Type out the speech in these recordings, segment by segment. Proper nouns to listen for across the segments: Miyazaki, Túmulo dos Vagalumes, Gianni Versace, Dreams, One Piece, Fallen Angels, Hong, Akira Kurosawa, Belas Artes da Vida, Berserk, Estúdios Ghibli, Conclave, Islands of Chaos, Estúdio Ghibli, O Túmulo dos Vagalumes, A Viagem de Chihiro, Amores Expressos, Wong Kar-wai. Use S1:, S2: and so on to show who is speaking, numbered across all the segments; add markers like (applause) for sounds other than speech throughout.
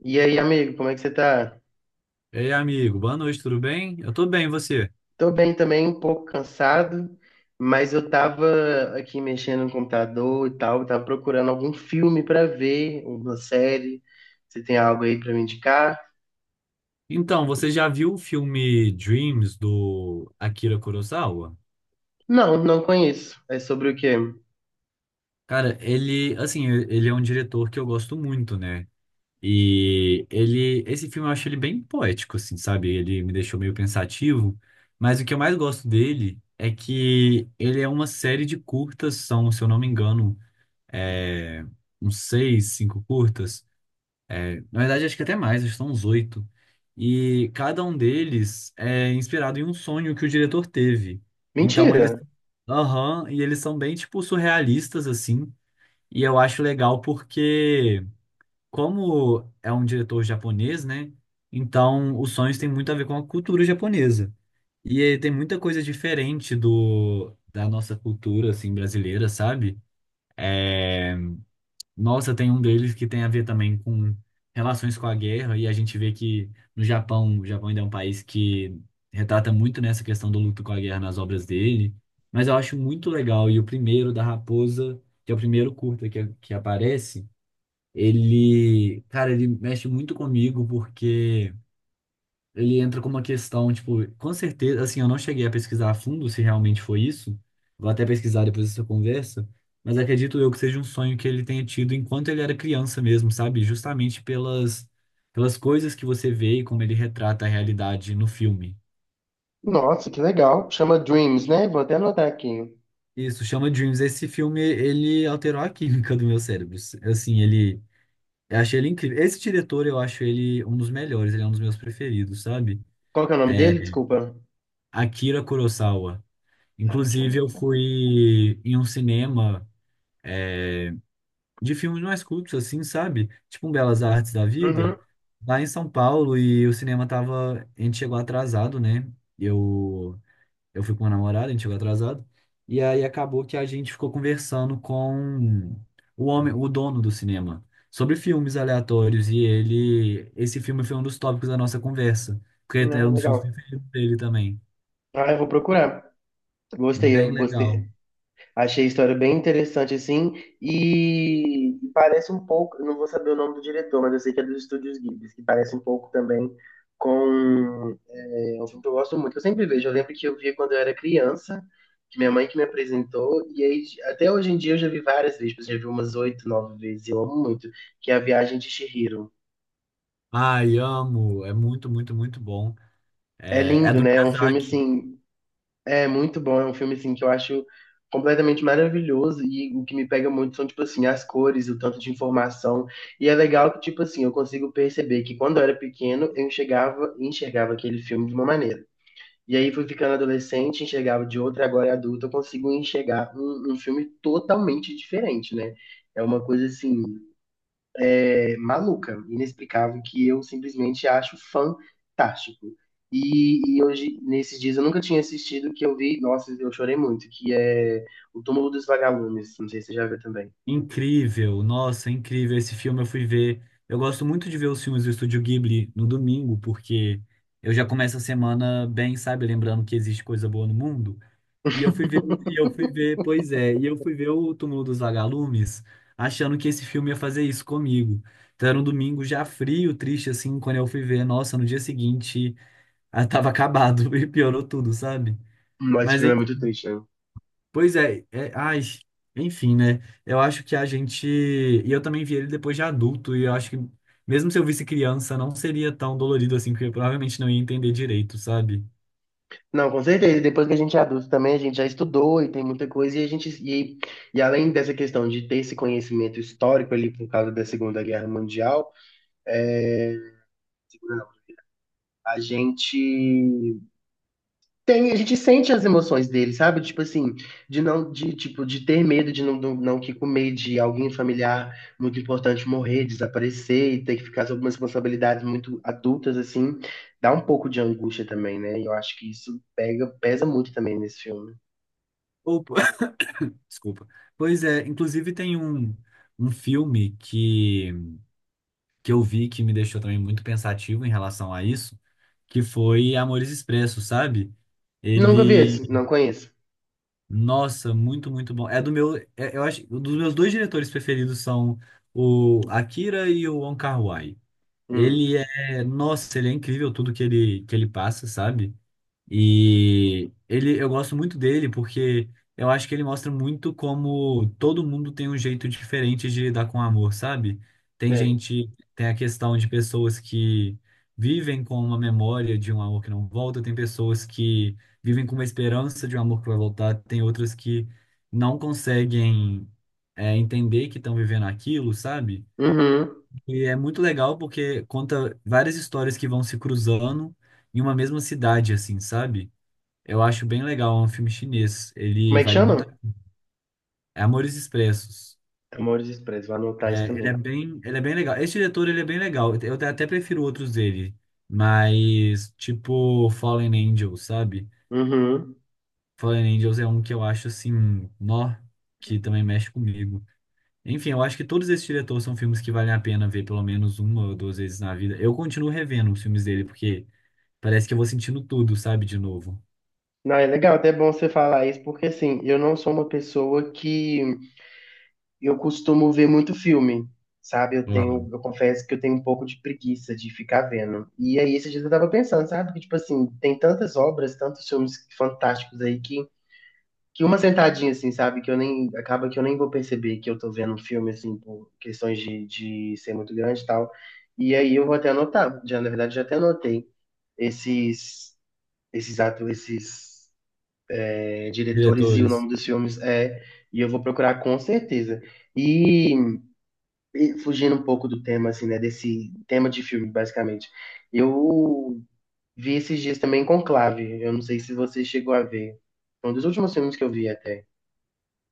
S1: E aí, amigo, como é que você tá?
S2: Ei, amigo, boa noite, tudo bem? Eu tô bem, e você?
S1: Tô bem também, um pouco cansado, mas eu tava aqui mexendo no computador e tal, tava procurando algum filme pra ver, uma série. Você tem algo aí pra me indicar?
S2: Então, você já viu o filme Dreams do Akira Kurosawa?
S1: Não, não conheço. É sobre o quê?
S2: Cara, ele, assim, ele é um diretor que eu gosto muito, né? E ele, esse filme eu acho ele bem poético, assim, sabe? Ele me deixou meio pensativo, mas o que eu mais gosto dele é que ele é uma série de curtas, são, se eu não me engano, é, uns seis, cinco curtas. Na verdade, acho que até mais, acho que são uns oito. E cada um deles é inspirado em um sonho que o diretor teve. Então eles.
S1: Mentira!
S2: Aham, e eles são bem, tipo, surrealistas, assim. E eu acho legal porque, como é um diretor japonês, né? Então os sonhos têm muito a ver com a cultura japonesa. E tem muita coisa diferente da nossa cultura, assim, brasileira, sabe? é Nossa, tem um deles que tem a ver também com relações com a guerra, e a gente vê que no Japão, o Japão ainda é um país que retrata muito nessa questão do luto com a guerra nas obras dele, mas eu acho muito legal. E o primeiro, da Raposa, que é o primeiro curta que aparece, ele, cara, ele mexe muito comigo, porque ele entra com uma questão, tipo, com certeza, assim, eu não cheguei a pesquisar a fundo se realmente foi isso. Vou até pesquisar depois dessa conversa, mas acredito eu que seja um sonho que ele tenha tido enquanto ele era criança mesmo, sabe? Justamente pelas coisas que você vê e como ele retrata a realidade no filme.
S1: Nossa, que legal. Chama Dreams, né? Vou até anotar aqui.
S2: Isso, chama Dreams. Esse filme, ele alterou a química do meu cérebro. Assim, ele eu achei ele incrível. Esse diretor, eu acho ele um dos melhores, ele é um dos meus preferidos, sabe?
S1: Qual que é o nome
S2: É
S1: dele? Desculpa.
S2: Akira Kurosawa.
S1: Tá, deixa eu
S2: Inclusive, eu
S1: anotar.
S2: fui em um cinema é, de filmes mais cultos, assim, sabe? Tipo um Belas Artes da Vida,
S1: Uhum.
S2: lá em São Paulo, e o cinema tava. A gente chegou atrasado, né? Eu, eu fui com uma namorada, a gente chegou atrasado. E aí acabou que a gente ficou conversando com o homem, o dono do cinema, sobre filmes aleatórios, e ele. Esse filme foi um dos tópicos da nossa conversa, porque é
S1: Não,
S2: um dos filmes
S1: legal.
S2: preferidos dele também.
S1: Ah, eu vou procurar. Gostei,
S2: Bem
S1: eu gostei.
S2: legal.
S1: Achei a história bem interessante, assim, e parece um pouco, eu não vou saber o nome do diretor, mas eu sei que é dos Estúdios Ghibli, que parece um pouco também com um filme que eu gosto muito. Que Eu sempre vejo, eu lembro que eu via quando eu era criança, que minha mãe que me apresentou, e aí, até hoje em dia eu já vi várias vezes, eu já vi umas oito, nove vezes, eu amo muito, que é A Viagem de Chihiro.
S2: Ai, amo. É muito, muito, muito bom.
S1: É
S2: É, é
S1: lindo,
S2: do
S1: né? É um filme,
S2: Miyazaki.
S1: assim, é muito bom, é um filme assim que eu acho completamente maravilhoso, e o que me pega muito são tipo assim as cores, o tanto de informação. E é legal que tipo assim, eu consigo perceber que quando eu era pequeno, eu enxergava, enxergava aquele filme de uma maneira. E aí fui ficando adolescente, enxergava de outra, agora adulto eu consigo enxergar um filme totalmente diferente, né? É uma coisa assim maluca, inexplicável, que eu simplesmente acho fantástico. E hoje, nesses dias, eu nunca tinha assistido, que eu vi, nossa, eu chorei muito, que é O Túmulo dos Vagalumes, não sei se você já viu também.
S2: Incrível. Nossa, incrível. Esse filme eu fui ver. Eu gosto muito de ver os filmes do Estúdio Ghibli no domingo, porque eu já começo a semana bem, sabe? Lembrando que existe coisa boa no mundo. Pois é, e eu fui ver o Túmulo dos Vagalumes, achando que esse filme ia fazer isso comigo. Então era um domingo já frio, triste, assim, quando eu fui ver. Nossa, no dia seguinte, (laughs) ah, tava acabado (laughs) e piorou tudo, sabe?
S1: Mas esse
S2: Mas
S1: filme é muito triste, né?
S2: Pois é, é, ai, enfim, né? Eu acho que a gente. E eu também vi ele depois de adulto, e eu acho que mesmo se eu visse criança, não seria tão dolorido assim, porque eu provavelmente não ia entender direito, sabe?
S1: Não, com certeza, depois que a gente é adulto também, a gente já estudou e tem muita coisa, e além dessa questão de ter esse conhecimento histórico ali por causa da Segunda Guerra Mundial, é, a gente tem, a gente sente as emoções dele, sabe? Tipo assim, de não, de tipo, de ter medo de não, não, não que comer, de alguém familiar muito importante morrer, desaparecer e ter que ficar sob umas responsabilidades muito adultas assim, dá um pouco de angústia também, né? E eu acho que isso pega, pesa muito também nesse filme.
S2: Opa. (laughs) (coughs) Desculpa. Pois é, inclusive tem um filme que eu vi que me deixou também muito pensativo em relação a isso, que foi Amores Expressos, sabe?
S1: Nunca vi
S2: Ele
S1: esse, não conheço.
S2: nossa, muito, muito bom. É do meu, é- eu acho, um dos meus dois diretores preferidos são o Akira e o Wong Kar-wai.
S1: Hum,
S2: Ele é, nossa, ele é incrível tudo que ele passa, sabe? E ele, eu gosto muito dele porque eu acho que ele mostra muito como todo mundo tem um jeito diferente de lidar com o amor, sabe? Tem
S1: sei.
S2: gente, tem a questão de pessoas que vivem com uma memória de um amor que não volta, tem pessoas que vivem com uma esperança de um amor que vai voltar, tem outras que não conseguem, entender que estão vivendo aquilo, sabe?
S1: Uhum.
S2: E é muito legal porque conta várias histórias que vão se cruzando em uma mesma cidade, assim, sabe? Eu acho bem legal, é um filme chinês.
S1: Como
S2: Ele
S1: é que
S2: vale muito.
S1: chama?
S2: É Amores Expressos.
S1: Amores Expressos, vou anotar isso
S2: É,
S1: também.
S2: ele é bem legal. Esse diretor, ele é bem legal. Até prefiro outros dele, mas tipo Fallen Angels, sabe?
S1: Uhum.
S2: Fallen Angels é um que eu acho assim, nó, que também mexe comigo. Enfim, eu acho que todos esses diretores são filmes que valem a pena ver pelo menos uma ou duas vezes na vida. Eu continuo revendo os filmes dele porque parece que eu vou sentindo tudo, sabe, de novo.
S1: Não, é legal, até é bom você falar isso, porque assim, eu não sou uma pessoa que eu costumo ver muito filme, sabe? Eu tenho,
S2: Uhum.
S1: eu confesso que eu tenho um pouco de preguiça de ficar vendo. E aí esses dias eu tava pensando, sabe? Que tipo assim, tem tantas obras, tantos filmes fantásticos aí que uma sentadinha assim, sabe? Que eu nem, acaba que eu nem vou perceber que eu tô vendo um filme assim, por questões de ser muito grande e tal. E aí eu vou até anotar, já, na verdade, já até anotei esses esses atores, esses diretores e o nome
S2: Diretores.
S1: dos filmes é, e eu vou procurar com certeza. E e fugindo um pouco do tema, assim, né? Desse tema de filme, basicamente. Eu vi esses dias também Conclave. Eu não sei se você chegou a ver. Foi um dos últimos filmes que eu vi até.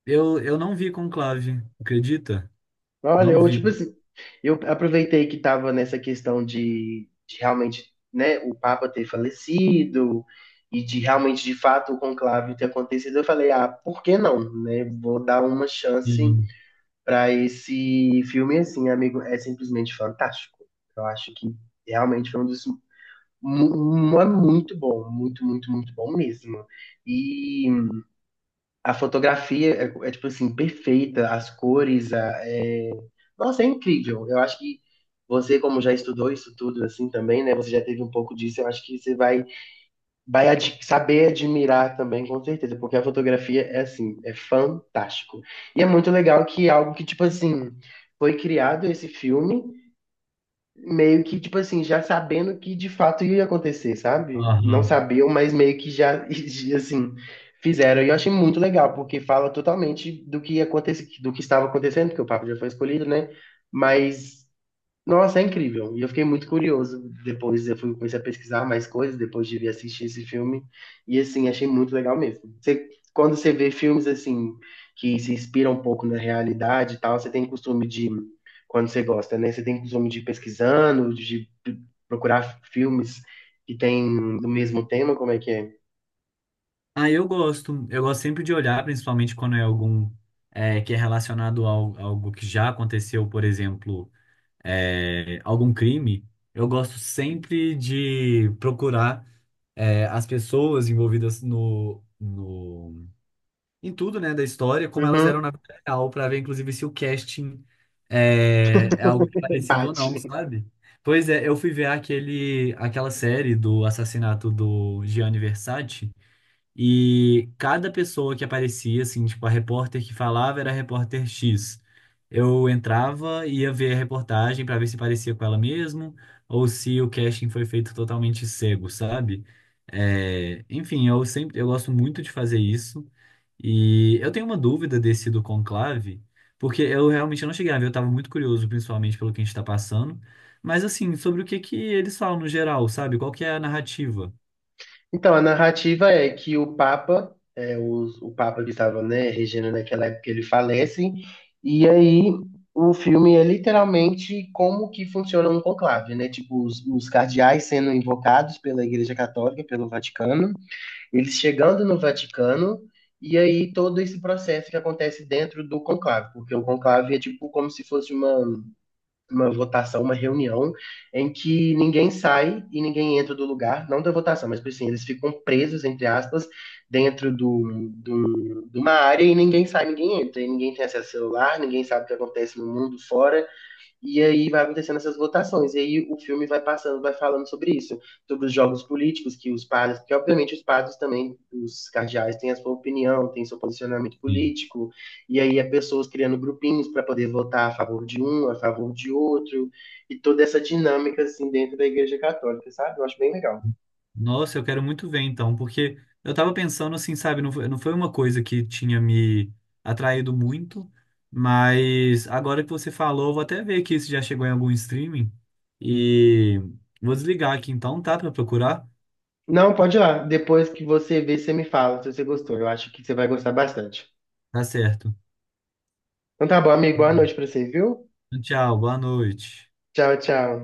S2: Eu não vi Conclave, acredita?
S1: Olha,
S2: Não
S1: eu,
S2: vi.
S1: tipo assim, eu aproveitei que tava nessa questão de realmente, né, o Papa ter falecido e de realmente, de fato, o conclave ter acontecido. Eu falei, ah, por que não, né? Vou dar uma chance
S2: Sim.
S1: para esse filme, assim, amigo. É simplesmente fantástico. Eu acho que realmente foi um dos é muito bom, muito, muito, muito bom mesmo. E a fotografia é tipo assim, perfeita, as cores, nossa, é incrível. Eu acho que você, como já estudou isso tudo assim também, né? Você já teve um pouco disso, eu acho que você vai saber admirar também, com certeza, porque a fotografia é assim, é fantástico. E é muito legal que é algo que, tipo assim, foi criado esse filme meio que, tipo assim, já sabendo que de fato ia acontecer, sabe? Não
S2: Aham.
S1: sabiam, mas meio que já, (laughs) assim, fizeram. E eu achei muito legal, porque fala totalmente do que acontece, do que estava acontecendo, porque o Papa já foi escolhido, né? Mas nossa, é incrível. E eu fiquei muito curioso. Depois eu fui, comecei a pesquisar mais coisas, depois de vir assistir esse filme. E assim, achei muito legal mesmo. Você, quando você vê filmes assim que se inspiram um pouco na realidade e tal, você tem costume de, quando você gosta, né? Você tem costume de ir pesquisando, de procurar filmes que têm do mesmo tema, como é que é?
S2: Ah, eu gosto. Eu gosto sempre de olhar, principalmente quando é algum que é relacionado a algo que já aconteceu, por exemplo, algum crime. Eu gosto sempre de procurar as pessoas envolvidas no em tudo, né, da história, como elas eram
S1: Uhum,
S2: na vida real, pra ver, inclusive, se o casting é algo parecido ou não,
S1: bate.
S2: sabe? Pois é, eu fui ver aquele, aquela série do assassinato do Gianni Versace, e cada pessoa que aparecia, assim, tipo, a repórter que falava era a repórter X. Eu entrava e ia ver a reportagem pra ver se parecia com ela mesmo, ou se o casting foi feito totalmente cego, sabe? É, enfim, eu sempre, eu gosto muito de fazer isso. E eu tenho uma dúvida desse do conclave, porque eu realmente não cheguei a ver, eu estava muito curioso, principalmente pelo que a gente está passando. Mas assim, sobre o que que eles falam no geral, sabe? Qual que é a narrativa?
S1: Então, a narrativa é que o Papa, o Papa que estava, né, regendo naquela época, ele falece, e aí o filme é literalmente como que funciona um conclave, né? Tipo, os cardeais sendo invocados pela Igreja Católica, pelo Vaticano, eles chegando no Vaticano, e aí todo esse processo que acontece dentro do conclave, porque o conclave é tipo como se fosse uma votação, uma reunião em que ninguém sai e ninguém entra do lugar, não da votação, mas assim, eles ficam presos, entre aspas, dentro de uma área, e ninguém sai, ninguém entra, e ninguém tem acesso ao celular, ninguém sabe o que acontece no mundo fora, e aí vai acontecendo essas votações, e aí o filme vai passando, vai falando sobre isso, sobre os jogos políticos que os padres, que obviamente os padres também, os cardeais têm a sua opinião, têm seu posicionamento
S2: Sim.
S1: político, e aí é pessoas criando grupinhos para poder votar a favor de um, a favor de outro, e toda essa dinâmica assim dentro da Igreja Católica, sabe? Eu acho bem legal.
S2: Nossa, eu quero muito ver então, porque eu tava pensando assim, sabe, não foi, não foi uma coisa que tinha me atraído muito, mas agora que você falou, eu vou até ver aqui se já chegou em algum streaming e vou desligar aqui então, tá, pra procurar?
S1: Não, pode ir lá, depois que você ver, você me fala se você gostou, eu acho que você vai gostar bastante.
S2: Tá certo.
S1: Então tá bom, amigo, boa noite pra você, viu?
S2: Tchau, boa noite.
S1: Tchau, tchau.